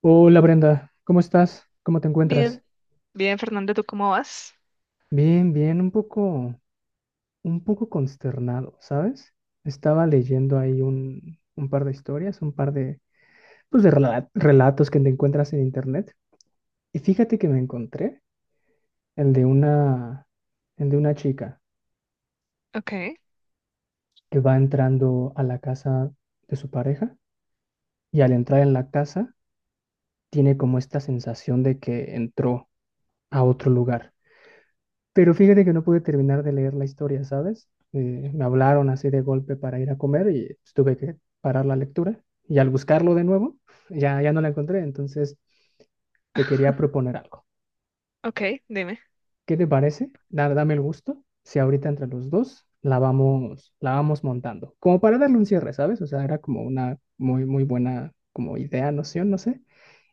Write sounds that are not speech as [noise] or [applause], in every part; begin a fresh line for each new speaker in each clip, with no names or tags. Hola Brenda, ¿cómo estás? ¿Cómo te
Bien,
encuentras?
bien, Fernando, ¿tú cómo vas?
Bien, bien, un poco consternado, ¿sabes? Estaba leyendo ahí un par de historias, un par de relatos que te encuentras en internet. Y fíjate que me encontré el de una, el de una chica
Ok.
que va entrando a la casa de su pareja y al entrar en la casa tiene como esta sensación de que entró a otro lugar. Pero fíjate que no pude terminar de leer la historia, ¿sabes? Me hablaron así de golpe para ir a comer y pues, tuve que parar la lectura. Y al buscarlo de nuevo, ya no la encontré. Entonces te quería
[laughs]
proponer algo.
Ok, dime.
¿Qué te parece? Dame el gusto. Si ahorita entre los dos la vamos montando. Como para darle un cierre, ¿sabes? O sea, era como una muy, muy buena como idea, noción, no sé.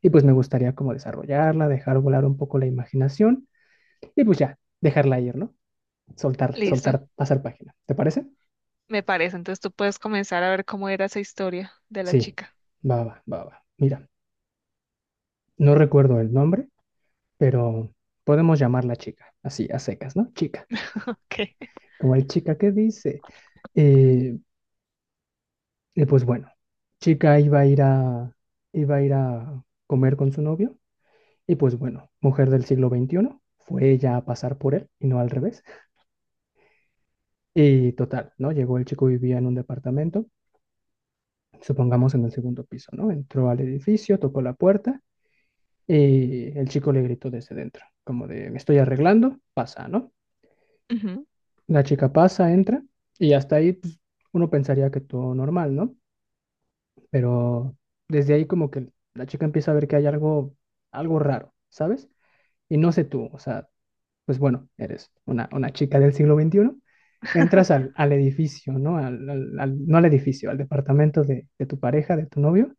Y pues me gustaría como desarrollarla, dejar volar un poco la imaginación y pues ya, dejarla ir, ¿no? Soltar,
Listo,
soltar, pasar página. ¿Te parece?
me parece. Entonces tú puedes comenzar a ver cómo era esa historia de la
Sí,
chica.
va, va, va, va. Mira, no recuerdo el nombre, pero podemos llamarla chica, así, a secas, ¿no? Chica.
Ok.
Como el chica que dice. Eh, y pues bueno, chica iba a ir a comer con su novio. Y pues bueno, mujer del siglo XXI, fue ella a pasar por él y no al revés. Y total, ¿no? Llegó el chico, vivía en un departamento, supongamos en el segundo piso, ¿no? Entró al edificio, tocó la puerta. Y el chico le gritó desde dentro, como de, me estoy arreglando, pasa, ¿no?
Ujú.
La chica pasa, entra, y hasta ahí pues, uno pensaría que todo normal, ¿no? Pero desde ahí como que la chica empieza a ver que hay algo, algo raro, ¿sabes? Y no sé tú, o sea, pues bueno, eres una chica del siglo XXI, entras al no al edificio, al departamento de tu pareja, de tu novio,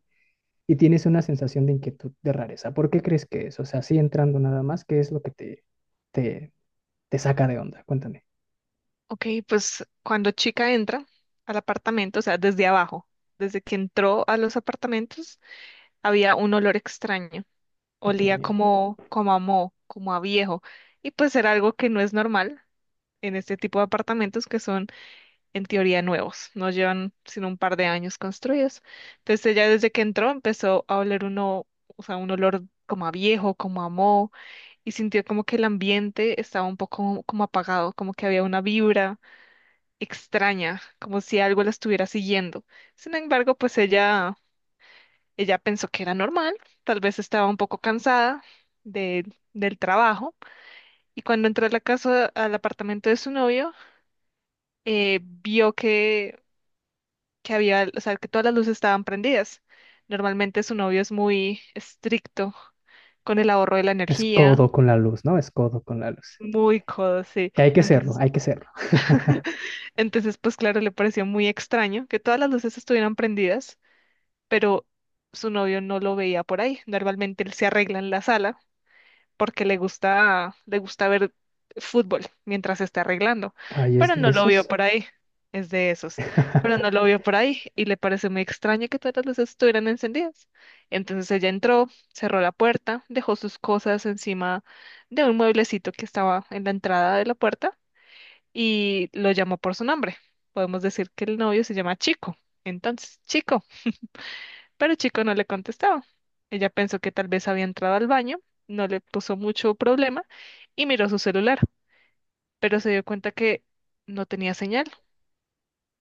y tienes una sensación de inquietud, de rareza. ¿Por qué crees que es? O sea, así entrando nada más, ¿qué es lo que te, te saca de onda? Cuéntame.
Ok, pues cuando chica entra al apartamento, o sea, desde abajo, desde que entró a los apartamentos, había un olor extraño.
Ok.
Olía como, como a moho, como a viejo. Y pues era algo que no es normal en este tipo de apartamentos que son en teoría nuevos, no llevan sino un par de años construidos. Entonces ella desde que entró empezó a oler uno, o sea, un olor como a viejo, como a moho, y sintió como que el ambiente estaba un poco como apagado, como que había una vibra extraña, como si algo la estuviera siguiendo. Sin embargo, pues ella pensó que era normal, tal vez estaba un poco cansada de, del trabajo, y cuando entró a la casa, al apartamento de su novio, vio que había, o sea, que todas las luces estaban prendidas. Normalmente su novio es muy estricto con el ahorro de la
Es
energía,
codo con la luz, ¿no? Es codo con la luz.
muy codo, sí.
Que hay que serlo,
Entonces,
hay que serlo.
[laughs]
[laughs]
entonces, pues claro, le pareció muy extraño que todas las luces estuvieran prendidas, pero su novio no lo veía por ahí. Normalmente él se arregla en la sala porque le gusta ver fútbol mientras se está arreglando,
Ay, es
pero
de
no lo vio
esos.
por ahí, es de esos, pero no lo
[laughs]
vio por ahí y le pareció muy extraño que todas las luces estuvieran encendidas. Entonces ella entró, cerró la puerta, dejó sus cosas encima de un mueblecito que estaba en la entrada de la puerta y lo llamó por su nombre. Podemos decir que el novio se llama Chico. Entonces, Chico. Pero el chico no le contestaba. Ella pensó que tal vez había entrado al baño, no le puso mucho problema y miró su celular, pero se dio cuenta que no tenía señal.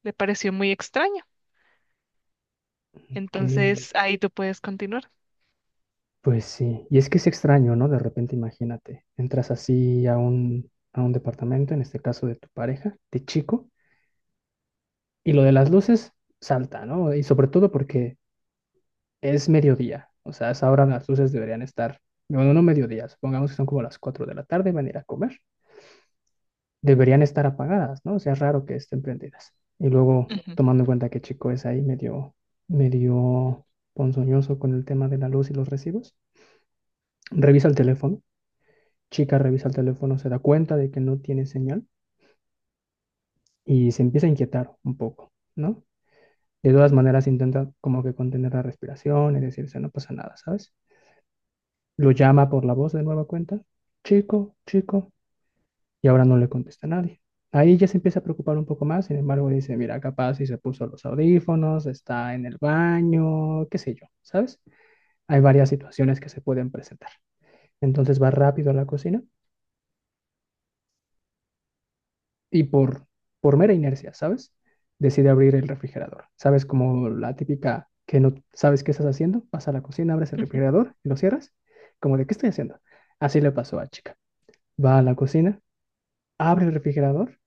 Le pareció muy extraño.
Que,
Entonces ahí tú puedes continuar.
pues sí. Y es que es extraño, ¿no? De repente, imagínate, entras así a a un departamento, en este caso de tu pareja, de chico, y lo de las luces salta, ¿no? Y sobre todo porque es mediodía, o sea, a esa hora las luces deberían estar, bueno, no mediodía, supongamos que son como las 4 de la tarde, van a ir a comer, deberían estar apagadas, ¿no? O sea, es raro que estén prendidas. Y luego,
Ujú,
tomando en cuenta que Chico es ahí medio, medio ponzoñoso con el tema de la luz y los recibos, revisa el teléfono, Chica revisa el teléfono, se da cuenta de que no tiene señal y se empieza a inquietar un poco, ¿no? De todas maneras intenta como que contener la respiración y decirse, no pasa nada, ¿sabes? Lo llama por la voz de nueva cuenta, chico, chico, y ahora no le contesta a nadie. Ahí ya se empieza a preocupar un poco más, sin embargo dice, mira, capaz si se puso los audífonos, está en el baño, qué sé yo, ¿sabes? Hay varias situaciones que se pueden presentar. Entonces va rápido a la cocina y por mera inercia, ¿sabes? Decide abrir el refrigerador. ¿Sabes como la típica que no sabes qué estás haciendo? Vas a la cocina, abres el
ujú,
refrigerador y lo cierras. Como de, ¿qué estoy haciendo? Así le pasó a Chica. Va a la cocina, abre el refrigerador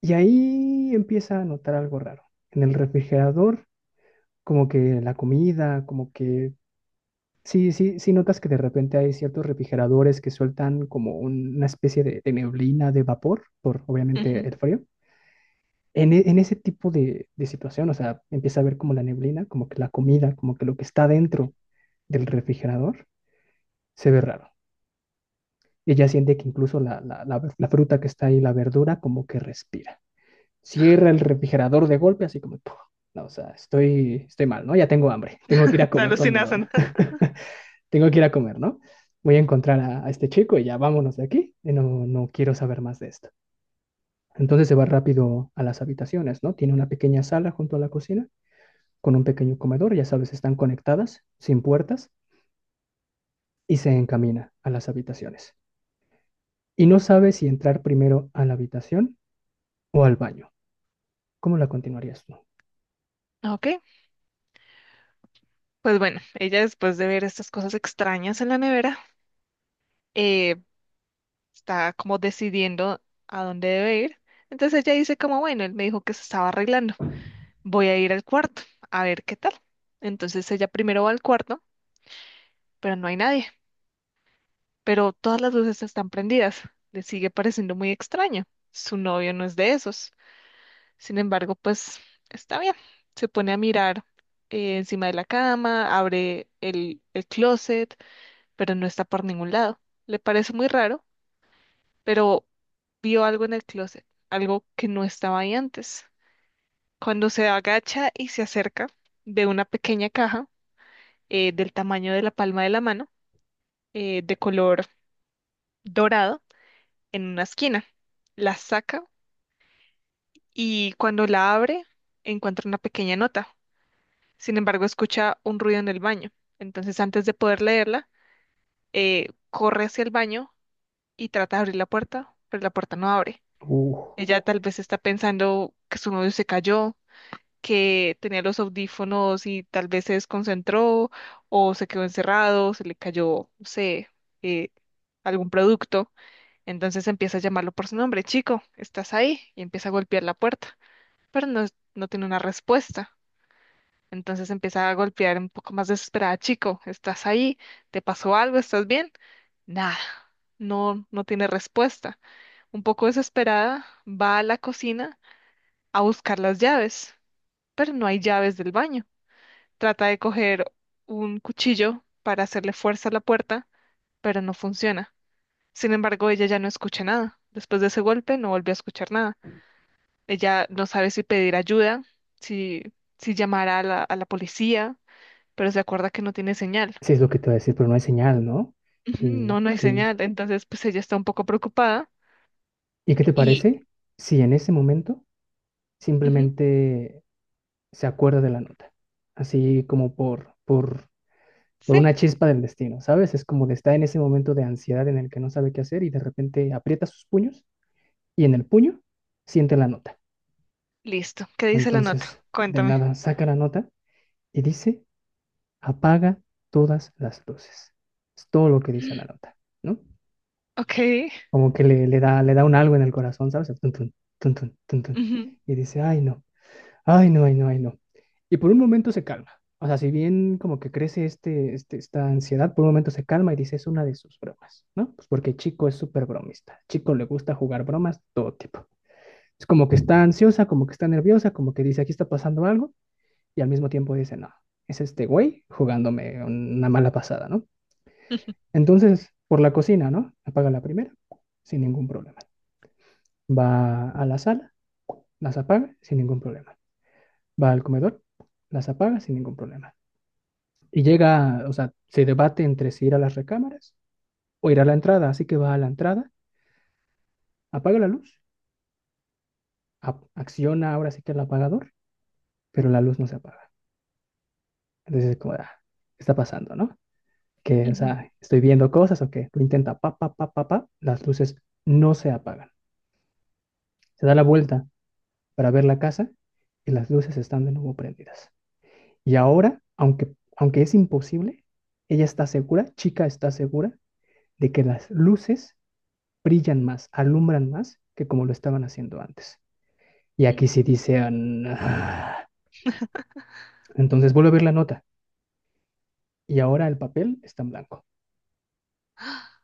y ahí empieza a notar algo raro. En el refrigerador, como que la comida, como que... Sí, sí, sí notas que de repente hay ciertos refrigeradores que sueltan como una especie de neblina, de vapor, por obviamente
ujú.
el frío. En ese tipo de situación, o sea, empieza a ver como la neblina, como que la comida, como que lo que está dentro del refrigerador se ve raro. Y ella siente que incluso la fruta que está ahí, la verdura, como que respira. Cierra el refrigerador de golpe, así como, "Puf, no, o sea, estoy mal, ¿no? Ya tengo hambre, [laughs] tengo que ir a
[laughs] Te
comer con mi
alucinas, ¿no?
novia, [laughs] tengo que ir a comer, ¿no? Voy a encontrar a este chico y ya vámonos de aquí, y no, no quiero saber más de esto. Entonces se va rápido a las habitaciones, ¿no? Tiene una pequeña sala junto a la cocina, con un pequeño comedor, ya sabes, están conectadas, sin puertas, y se encamina a las habitaciones. Y no sabe si entrar primero a la habitación o al baño. ¿Cómo la continuarías tú?
Ok, pues bueno, ella después de ver estas cosas extrañas en la nevera, eh, está como decidiendo a dónde debe ir. Entonces ella dice como, bueno, él me dijo que se estaba arreglando. Voy a ir al cuarto a ver qué tal. Entonces ella primero va al cuarto, pero no hay nadie, pero todas las luces están prendidas. Le sigue pareciendo muy extraño. Su novio no es de esos. Sin embargo, pues está bien. Se pone a mirar encima de la cama, abre el closet, pero no está por ningún lado. Le parece muy raro, pero vio algo en el closet, algo que no estaba ahí antes. Cuando se agacha y se acerca, ve una pequeña caja del tamaño de la palma de la mano, de color dorado, en una esquina. La saca y cuando la abre encuentra una pequeña nota. Sin embargo, escucha un ruido en el baño. Entonces, antes de poder leerla, corre hacia el baño y trata de abrir la puerta, pero la puerta no abre.
Uf,
Ella tal vez está pensando que su novio se cayó, que tenía los audífonos y tal vez se desconcentró o se quedó encerrado, se le cayó, no sé, eh, algún producto. Entonces empieza a llamarlo por su nombre, chico, ¿estás ahí? Y empieza a golpear la puerta, pero no, no tiene una respuesta. Entonces empieza a golpear un poco más desesperada, chico, ¿estás ahí? ¿Te pasó algo? ¿Estás bien? Nada, no, no tiene respuesta. Un poco desesperada, va a la cocina a buscar las llaves, pero no hay llaves del baño. Trata de coger un cuchillo para hacerle fuerza a la puerta, pero no funciona. Sin embargo, ella ya no escucha nada. Después de ese golpe, no volvió a escuchar nada. Ella no sabe si pedir ayuda, si, si llamar a la policía, pero se acuerda que no tiene señal.
sí, es lo que te voy a decir, pero no hay señal, ¿no?
Ujú.
¿Y
No, no hay
qué,
señal. Entonces, pues ella está un poco preocupada
qué te
y...
parece si en ese momento
Ujú.
simplemente se acuerda de la nota? Así como por
Sí,
una chispa del destino, ¿sabes? Es como que está en ese momento de ansiedad en el que no sabe qué hacer y de repente aprieta sus puños y en el puño siente la nota.
listo. ¿Qué dice la nota?
Entonces, de
Cuéntame.
nada, saca la nota y dice, apaga todas las luces. Es todo lo que dice la nota, ¿no?
Ok.
Como que le da un algo en el corazón, ¿sabes? Tun, tun, tun, tun, tun, tun.
Ujú,
Y dice, ay no, ay no, ay no, ay no. Y por un momento se calma. O sea, si bien como que crece esta ansiedad, por un momento se calma y dice, es una de sus bromas, ¿no? Pues porque Chico es súper bromista. Chico le gusta jugar bromas todo tipo. Es como que está ansiosa, como que está nerviosa, como que dice, aquí está pasando algo, y al mismo tiempo dice, no, es este güey jugándome una mala pasada, ¿no? Entonces, por la cocina, ¿no? Apaga la primera, sin ningún problema. Va a la sala, las apaga sin ningún problema. Va al comedor, las apaga sin ningún problema. Y llega, o sea, se debate entre si ir a las recámaras o ir a la entrada. Así que va a la entrada, apaga la luz, acciona ahora sí que el apagador, pero la luz no se apaga. Entonces es como, ah, ¿qué está pasando, no? Que, o
ujú.
sea, estoy viendo cosas o qué. Lo intenta, pa, pa, pa, pa, pa, las luces no se apagan. Se da la vuelta para ver la casa y las luces están de nuevo prendidas. Y ahora, aunque es imposible, ella está segura, chica está segura, de que las luces brillan más, alumbran más que como lo estaban haciendo antes. Y aquí sí dice, ah, nah. Entonces vuelve a ver la nota y ahora el papel está en blanco.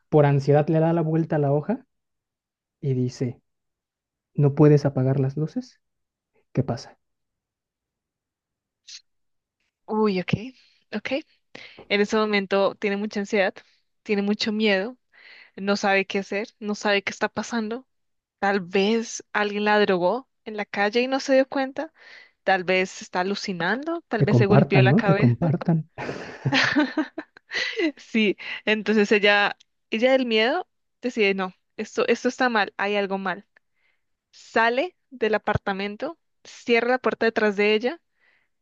Por ansiedad le da la vuelta a la hoja y dice, ¿no puedes apagar las luces? ¿Qué pasa?
Uy, ok. Ok. En ese momento tiene mucha ansiedad, tiene mucho miedo, no sabe qué hacer, no sabe qué está pasando. Tal vez alguien la drogó en la calle y no se dio cuenta. Tal vez está alucinando, tal
Que
vez se golpeó
compartan,
la
¿no? Que
cabeza.
compartan.
[laughs] Sí, entonces ella del miedo decide, no, esto está mal, hay algo mal. Sale del apartamento, cierra la puerta detrás de ella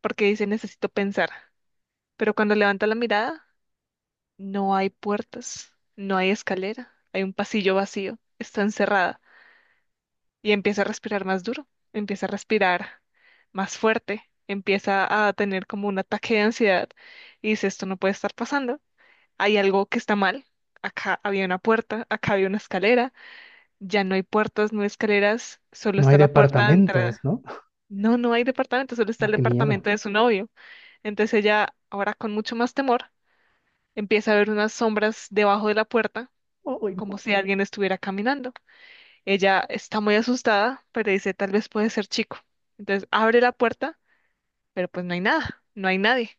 porque dice, necesito pensar. Pero cuando levanta la mirada, no hay puertas, no hay escalera, hay un pasillo vacío, está encerrada. Y empieza a respirar más duro, empieza a respirar más fuerte, empieza a tener como un ataque de ansiedad y dice, esto no puede estar pasando, hay algo que está mal, acá había una puerta, acá había una escalera, ya no hay puertas, no hay escaleras, solo
No hay
está la puerta de
departamentos,
entrada.
¿no?
No, no hay departamento, solo está
No,
el
qué miedo.
departamento de su novio. Entonces ella, ahora con mucho más temor, empieza a ver unas sombras debajo de la puerta,
Ay,
como si alguien estuviera caminando. Ella está muy asustada, pero dice, tal vez puede ser chico. Entonces abre la puerta, pero pues no hay nada, no hay nadie.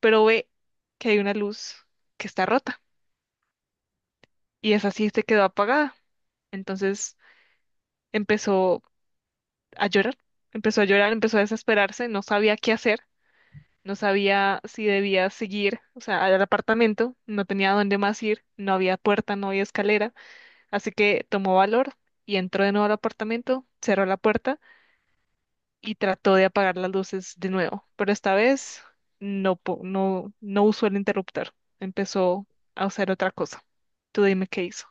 Pero ve que hay una luz que está rota y esa sí se quedó apagada. Entonces empezó a llorar, empezó a llorar, empezó a desesperarse, no sabía qué hacer, no sabía si debía seguir, o sea, al apartamento, no tenía dónde más ir, no había puerta, no había escalera, así que tomó valor y entró de nuevo al apartamento, cerró la puerta y trató de apagar las luces de nuevo, pero esta vez no, po- no, no usó el interruptor, empezó a usar otra cosa. Tú dime qué hizo.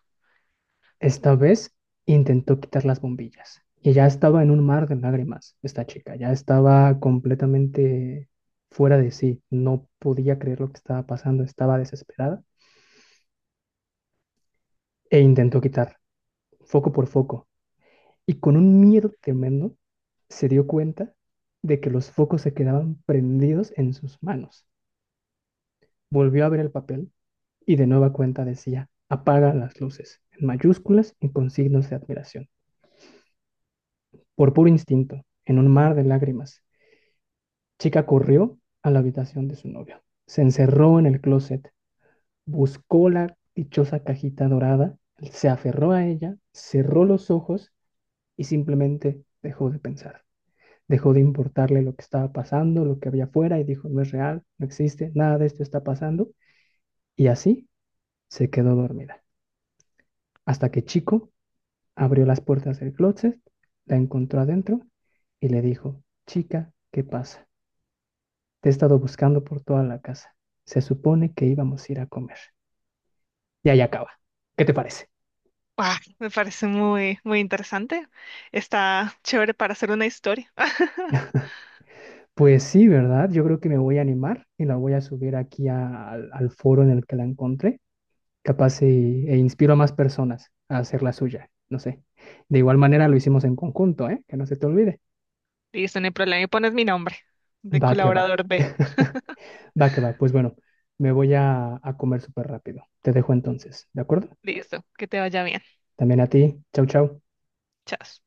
esta vez intentó quitar las bombillas y ya estaba en un mar de lágrimas esta chica, ya estaba completamente fuera de sí, no podía creer lo que estaba pasando, estaba desesperada e intentó quitar foco por foco y con un miedo tremendo se dio cuenta de que los focos se quedaban prendidos en sus manos. Volvió a ver el papel y de nueva cuenta decía, apaga las luces, en mayúsculas y con signos de admiración. Por puro instinto, en un mar de lágrimas, Chica corrió a la habitación de su novio, se encerró en el closet, buscó la dichosa cajita dorada, se aferró a ella, cerró los ojos y simplemente dejó de pensar. Dejó de importarle lo que estaba pasando, lo que había afuera y dijo, no es real, no existe, nada de esto está pasando. Y así se quedó dormida, hasta que Chico abrió las puertas del closet, la encontró adentro y le dijo, chica, ¿qué pasa? Te he estado buscando por toda la casa. Se supone que íbamos a ir a comer. Y ahí acaba. ¿Qué te parece?
Ah, me parece muy, muy interesante. Está chévere para hacer una historia. [laughs]
Pues sí, ¿verdad? Yo creo que me voy a animar y la voy a subir aquí al al foro en el que la encontré. Capaz inspiro a más personas a hacer la suya. No sé. De igual manera lo hicimos en conjunto, ¿eh? Que no se te olvide.
Listo, no hay problema. Y pones mi nombre de
Va que va.
colaborador B.
[laughs] Va que va. Pues bueno, me voy a comer súper rápido. Te dejo entonces, ¿de acuerdo?
Listo, que te vaya bien.
También a ti. Chau, chau.
Chao.